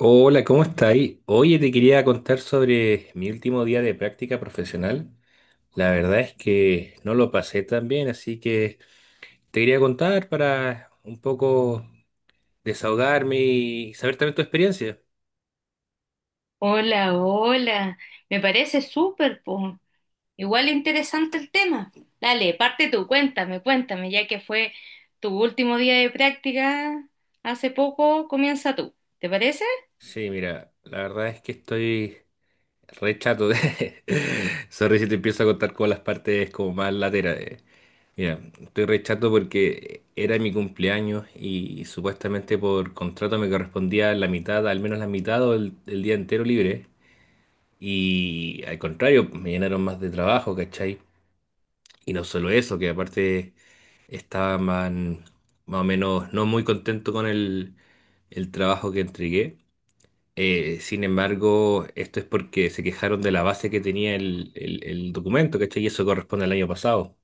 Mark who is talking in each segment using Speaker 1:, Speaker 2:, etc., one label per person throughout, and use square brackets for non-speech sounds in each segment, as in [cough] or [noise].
Speaker 1: Hola, ¿cómo estáis? Oye, te quería contar sobre mi último día de práctica profesional. La verdad es que no lo pasé tan bien, así que te quería contar para un poco desahogarme y saber también tu experiencia.
Speaker 2: Hola, hola. Me parece súper, po. Igual interesante el tema. Dale, parte tú, cuéntame, cuéntame, ya que fue tu último día de práctica hace poco, comienza tú. ¿Te parece?
Speaker 1: Sí, mira, la verdad es que estoy re chato de... [laughs] Sorry si te empiezo a contar con las partes como más laterales. Mira, estoy re chato porque era mi cumpleaños y supuestamente por contrato me correspondía la mitad, al menos la mitad o el día entero libre. Y al contrario, me llenaron más de trabajo, ¿cachai? Y no solo eso, que aparte estaban más o menos no muy contento con el trabajo que entregué. Sin embargo, esto es porque se quejaron de la base que tenía el documento, ¿cachai? Y eso corresponde al año pasado.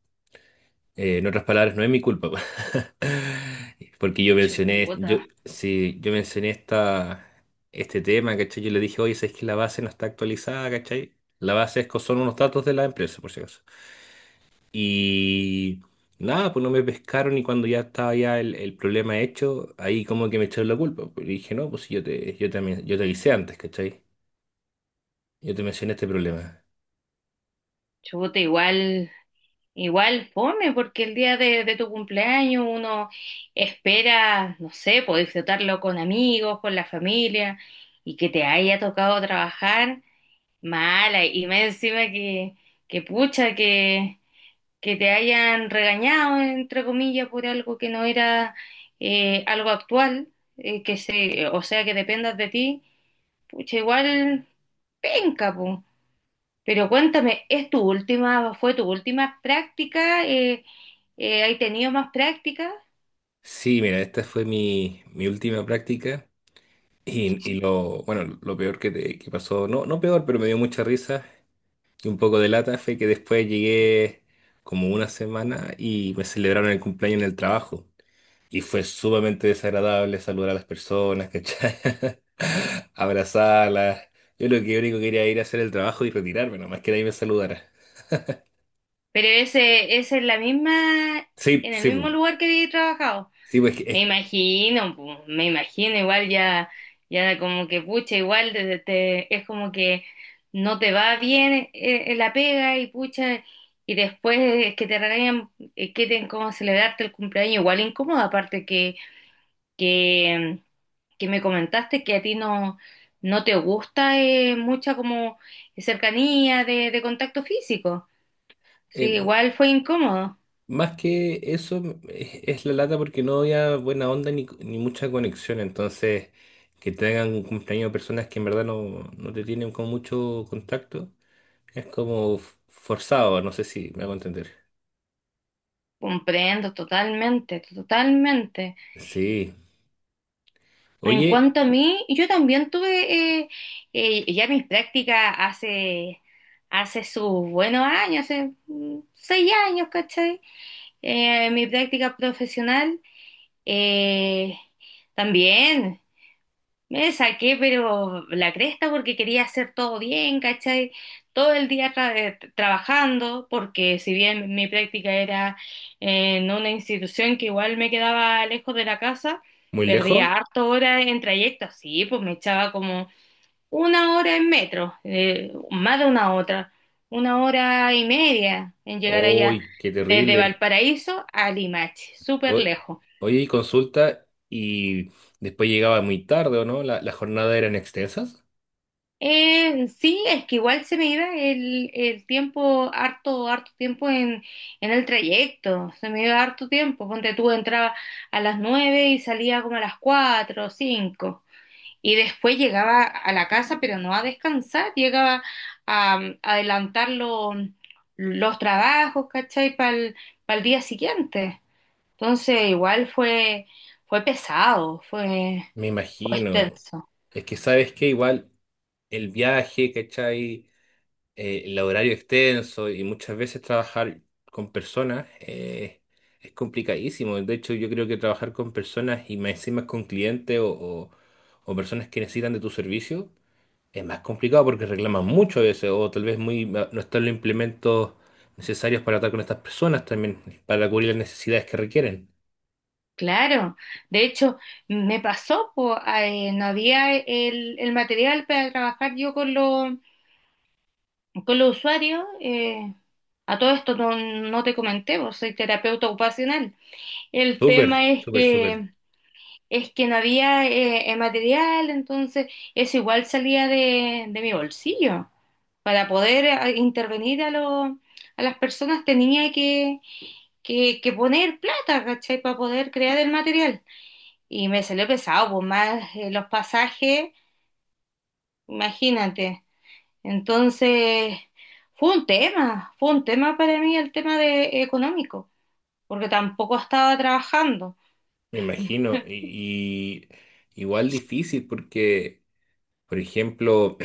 Speaker 1: En otras palabras, no es mi culpa, [laughs] porque
Speaker 2: Chuta,
Speaker 1: sí, yo mencioné este tema, ¿cachai? Yo le dije, oye, ¿sabes que la base no está actualizada? ¿Cachai? La base es, son unos datos de la empresa, por si acaso. Y nada, pues no me pescaron y cuando ya estaba ya el problema hecho, ahí como que me echaron la culpa. Pues, y dije, no, pues si yo te avisé antes, ¿cachai? Yo te mencioné este problema.
Speaker 2: chuta, igual fome, porque el día de tu cumpleaños uno espera, no sé, poder disfrutarlo con amigos, con la familia, y que te haya tocado trabajar mala, y más encima que pucha, que te hayan regañado, entre comillas, por algo que no era algo actual, o sea, que dependas de ti, pucha, igual penca, po. Pero cuéntame, fue tu última práctica? ¿Hay tenido más prácticas?
Speaker 1: Sí, mira, esta fue mi última práctica. Y lo, bueno, lo peor que, que pasó, no, no peor, pero me dio mucha risa y un poco de lata fue que después llegué como una semana y me celebraron el cumpleaños en el trabajo. Y fue sumamente desagradable saludar a las personas, ¿cachai? [laughs] Abrazarlas. Yo lo que único que quería era ir a hacer el trabajo y retirarme, nomás que nadie me saludara.
Speaker 2: Pero ese es la misma,
Speaker 1: Sí,
Speaker 2: en el
Speaker 1: sí, pu.
Speaker 2: mismo lugar que he trabajado.
Speaker 1: sí, pues
Speaker 2: Me
Speaker 1: que,
Speaker 2: imagino, pu, me imagino, igual ya como que pucha, igual es como que no te va bien la pega y pucha, y después es que te regañan, cómo celebrarte el cumpleaños, igual incómodo, aparte que, que, que me comentaste que a ti no, no te gusta mucha como cercanía de contacto físico. Sí,
Speaker 1: eh,
Speaker 2: igual fue incómodo.
Speaker 1: Más que eso, es la lata porque no había buena onda ni, ni mucha conexión. Entonces, que tengan un cumpleaños de personas que en verdad no, no te tienen con mucho contacto, es como forzado. No sé si me hago entender.
Speaker 2: Comprendo totalmente, totalmente.
Speaker 1: Sí.
Speaker 2: En
Speaker 1: Oye,
Speaker 2: cuanto a mí, yo también tuve ya mis prácticas hace sus buenos años, hace 6 años, ¿cachai? Mi práctica profesional eh, también. Me saqué, pero la cresta porque quería hacer todo bien, ¿cachai? Todo el día trabajando, porque si bien mi práctica era en una institución que igual me quedaba lejos de la casa,
Speaker 1: ¿muy
Speaker 2: perdía
Speaker 1: lejos?
Speaker 2: harto hora en trayecto, sí, pues me echaba como una hora en metro, más de una otra, una hora y media en llegar allá,
Speaker 1: ¡Uy, qué
Speaker 2: desde
Speaker 1: terrible!
Speaker 2: Valparaíso a Limache, súper
Speaker 1: O-
Speaker 2: lejos.
Speaker 1: Oye, y consulta, y después llegaba muy tarde, ¿o no? Las jornadas eran extensas.
Speaker 2: Sí, es que igual se me iba el tiempo, harto tiempo en el trayecto, se me iba harto tiempo, ponte tú, entraba a las nueve y salía como a las cuatro o cinco, y después llegaba a la casa, pero no a descansar, llegaba a adelantar los trabajos, ¿cachai? Para el día siguiente. Entonces, igual fue, pesado, fue,
Speaker 1: Me
Speaker 2: fue
Speaker 1: imagino.
Speaker 2: extenso.
Speaker 1: Es que sabes que igual el viaje, ¿cachai? El horario extenso y muchas veces trabajar con personas es complicadísimo. De hecho, yo creo que trabajar con personas y más encima con clientes o personas que necesitan de tu servicio es más complicado porque reclaman mucho a veces o tal vez no están los implementos necesarios para tratar con estas personas también, para cubrir las necesidades que requieren.
Speaker 2: Claro, de hecho me pasó, po, no había el material para trabajar yo con los usuarios. A todo esto no, no te comenté, vos soy terapeuta ocupacional. El
Speaker 1: Súper,
Speaker 2: tema es
Speaker 1: súper, súper,
Speaker 2: que, es que no había material, entonces eso igual salía de mi bolsillo. Para poder intervenir a las personas tenía que poner plata, ¿cachai? Para poder crear el material y me salió pesado, pues más los pasajes, imagínate. Entonces, fue un tema para mí el tema de económico, porque tampoco estaba trabajando.
Speaker 1: me imagino. Y igual difícil porque, por ejemplo,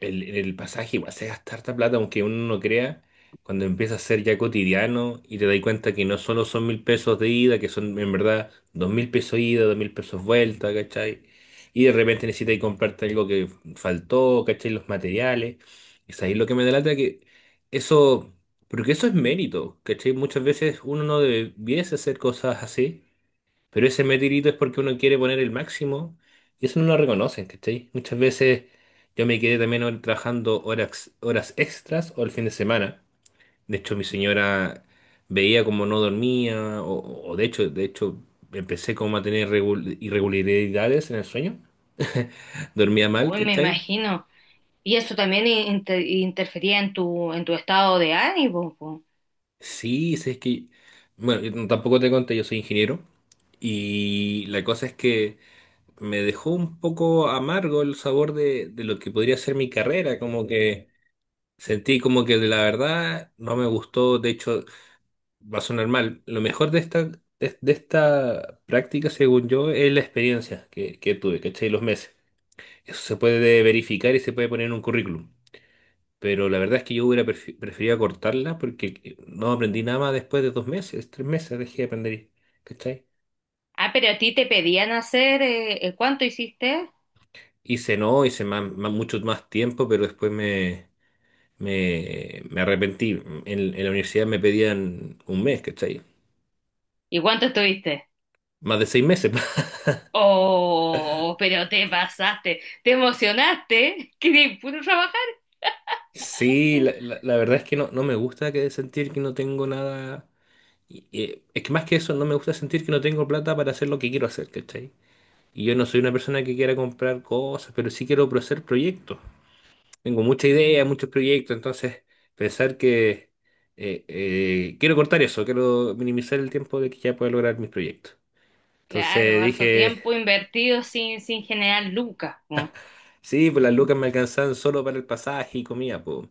Speaker 1: el pasaje igual se gasta harta plata, aunque uno no crea, cuando empieza a ser ya cotidiano y te das cuenta que no solo son 1.000 pesos de ida, que son en verdad 2.000 pesos ida, 2.000 pesos vuelta, ¿cachai? Y de repente necesitas comprarte algo que faltó, ¿cachai? Los materiales. Es ahí lo que me delata que eso, porque eso es mérito, ¿cachai? Muchas veces uno no debiese hacer cosas así, pero ese metirito es porque uno quiere poner el máximo y eso no lo reconocen, ¿cachai? Muchas veces yo me quedé también trabajando horas, horas extras o el fin de semana. De hecho, mi señora veía como no dormía o de hecho empecé como a tener irregularidades en el sueño. [laughs] Dormía mal,
Speaker 2: Hoy me
Speaker 1: ¿cachai?
Speaker 2: imagino. Y eso también interfería en tu estado de ánimo, pues.
Speaker 1: Sí, sí, es que, bueno, yo tampoco te conté, yo soy ingeniero y la cosa es que... me dejó un poco amargo el sabor de lo que podría ser mi carrera, como que sentí como que de la verdad no me gustó, de hecho va a sonar mal. Lo mejor de esta práctica, según yo, es la experiencia que tuve, ¿cachai? Los meses. Eso se puede verificar y se puede poner en un currículum. Pero la verdad es que yo hubiera preferido cortarla porque no aprendí nada más después de 2 meses, 3 meses dejé de aprender, ¿cachai?
Speaker 2: Ah, pero a ti te pedían hacer, ¿cuánto hiciste?
Speaker 1: Hice no, hice mucho más tiempo, pero después me arrepentí. En la universidad me pedían un mes, ¿cachai?
Speaker 2: ¿Y cuánto estuviste?
Speaker 1: Más de 6 meses. [laughs]
Speaker 2: Oh, pero te pasaste, te emocionaste, [laughs] que puro trabajar.
Speaker 1: Sí, la verdad es que no, no me gusta que sentir que no tengo nada. Y es que más que eso, no me gusta sentir que no tengo plata para hacer lo que quiero hacer, ¿cachai? Y yo no soy una persona que quiera comprar cosas, pero sí quiero hacer proyectos. Tengo mucha idea, muchos proyectos, entonces pensar que quiero cortar eso, quiero minimizar el tiempo de que ya pueda lograr mis proyectos.
Speaker 2: Claro,
Speaker 1: Entonces
Speaker 2: harto
Speaker 1: dije.
Speaker 2: tiempo invertido sin generar lucas, po.
Speaker 1: Sí, pues las lucas me alcanzaban solo para el pasaje y comida, pues.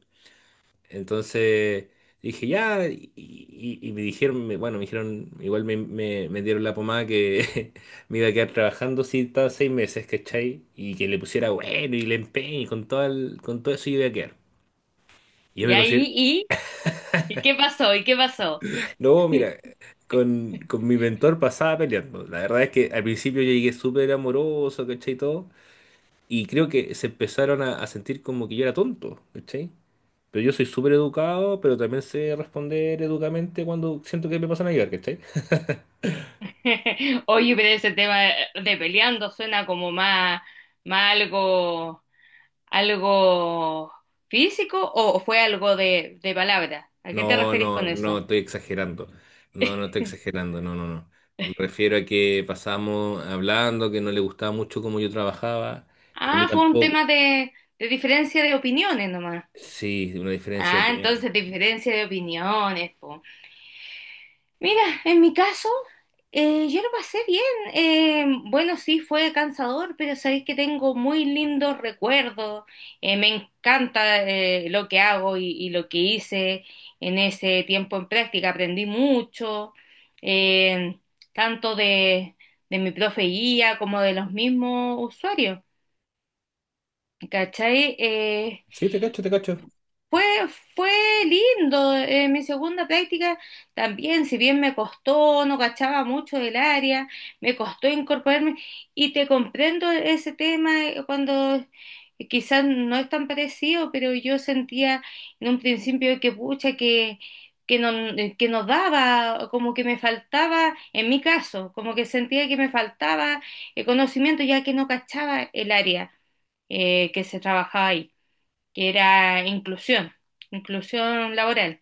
Speaker 1: Entonces dije, ya, y me dijeron, bueno, me dijeron, igual me dieron la pomada que [laughs] me iba a quedar trabajando si estaba 6 meses, ¿cachai? Y que le pusiera bueno y le empeño y con todo, con todo eso yo iba a quedar. Y yo
Speaker 2: Y
Speaker 1: me
Speaker 2: ahí,
Speaker 1: considero,
Speaker 2: ¿y qué pasó? ¿Y qué pasó?
Speaker 1: [laughs] no, mira, con mi mentor pasaba peleando. La verdad es que al principio yo llegué súper amoroso, ¿cachai? Y todo. Y creo que se empezaron a sentir como que yo era tonto, ¿cachai? Pero yo soy súper educado, pero también sé responder educadamente cuando siento que me pasan a llegar, ¿cachai?
Speaker 2: [laughs] Oye, pero ese tema de peleando suena como más algo físico o fue algo de palabra. ¿A qué te
Speaker 1: No,
Speaker 2: referís
Speaker 1: no,
Speaker 2: con
Speaker 1: no,
Speaker 2: eso?
Speaker 1: estoy exagerando. No, no estoy
Speaker 2: [laughs]
Speaker 1: exagerando, no, no, no. Me refiero a que pasamos hablando, que no le gustaba mucho cómo yo trabajaba, y a mí
Speaker 2: Ah, fue un
Speaker 1: tampoco.
Speaker 2: tema de diferencia de opiniones nomás.
Speaker 1: Sí, una diferencia de
Speaker 2: Ah,
Speaker 1: opiniones.
Speaker 2: entonces diferencia de opiniones, po. Mira, en mi caso, yo lo pasé bien. Bueno, sí, fue cansador, pero sabéis que tengo muy lindos recuerdos. Me encanta lo que hago y lo que hice en ese tiempo en práctica. Aprendí mucho, eh, tanto de mi profe guía como de los mismos usuarios. ¿Cachai?
Speaker 1: Sí, te cacho, te cacho.
Speaker 2: Fue, fue lindo, mi segunda práctica también, si bien me costó, no cachaba mucho del área, me costó incorporarme y te comprendo ese tema cuando quizás no es tan parecido, pero yo sentía en un principio que pucha, que no, que no daba, como que me faltaba, en mi caso, como que sentía que me faltaba el conocimiento ya que no cachaba el área que se trabajaba ahí que era inclusión, inclusión laboral.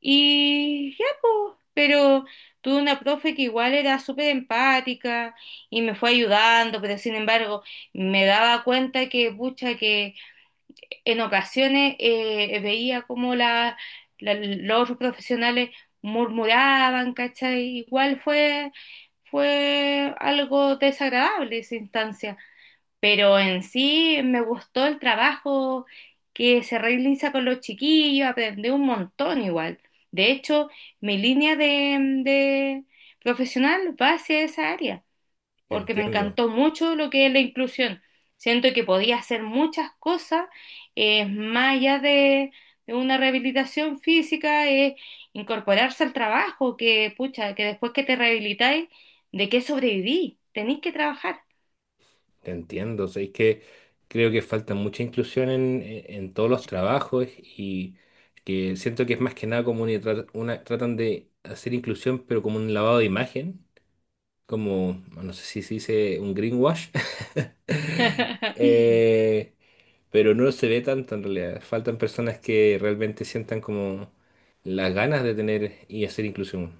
Speaker 2: Y ya, pues, pero tuve una profe que igual era súper empática y me fue ayudando, pero sin embargo me daba cuenta que, pucha, que en ocasiones veía como los otros profesionales murmuraban, ¿cachai? Igual fue, algo desagradable esa instancia. Pero en sí me gustó el trabajo que se realiza con los chiquillos, aprendí un montón igual. De hecho, mi línea de, de profesional va hacia esa área, porque me
Speaker 1: Entiendo.
Speaker 2: encantó mucho lo que es la inclusión. Siento que podía hacer muchas cosas, más allá de una rehabilitación física, es incorporarse al trabajo, que pucha, que después que te rehabilitáis, ¿de qué sobreviví? Tenéis que trabajar.
Speaker 1: Te entiendo, o sea, es que creo que falta mucha inclusión en todos los trabajos y que siento que es más que nada como tratan de hacer inclusión, pero como un lavado de imagen, como, no sé si se dice un greenwash. [laughs]
Speaker 2: [laughs]
Speaker 1: Eh, pero no se ve tanto en realidad. Faltan personas que realmente sientan como las ganas de tener y hacer inclusión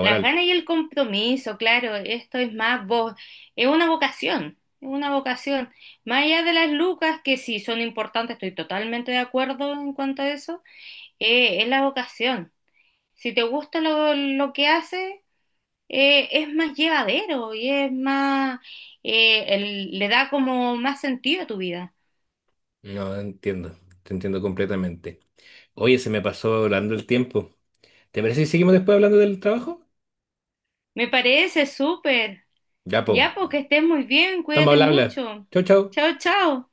Speaker 2: Las ganas y el compromiso, claro, esto es más vos, es una vocación, es una vocación. Más allá de las lucas, que sí son importantes, estoy totalmente de acuerdo en cuanto a eso, es la vocación. Si te gusta lo que haces, es más llevadero y es más, le da como más sentido a tu vida.
Speaker 1: No entiendo, te entiendo completamente. Oye, se me pasó volando el tiempo. ¿Te parece si seguimos después hablando del trabajo?
Speaker 2: Me parece súper.
Speaker 1: Ya, po.
Speaker 2: Ya, porque estés muy bien,
Speaker 1: Estamos,
Speaker 2: cuídate
Speaker 1: habla, habla.
Speaker 2: mucho.
Speaker 1: Chau, chau.
Speaker 2: Chao, chao.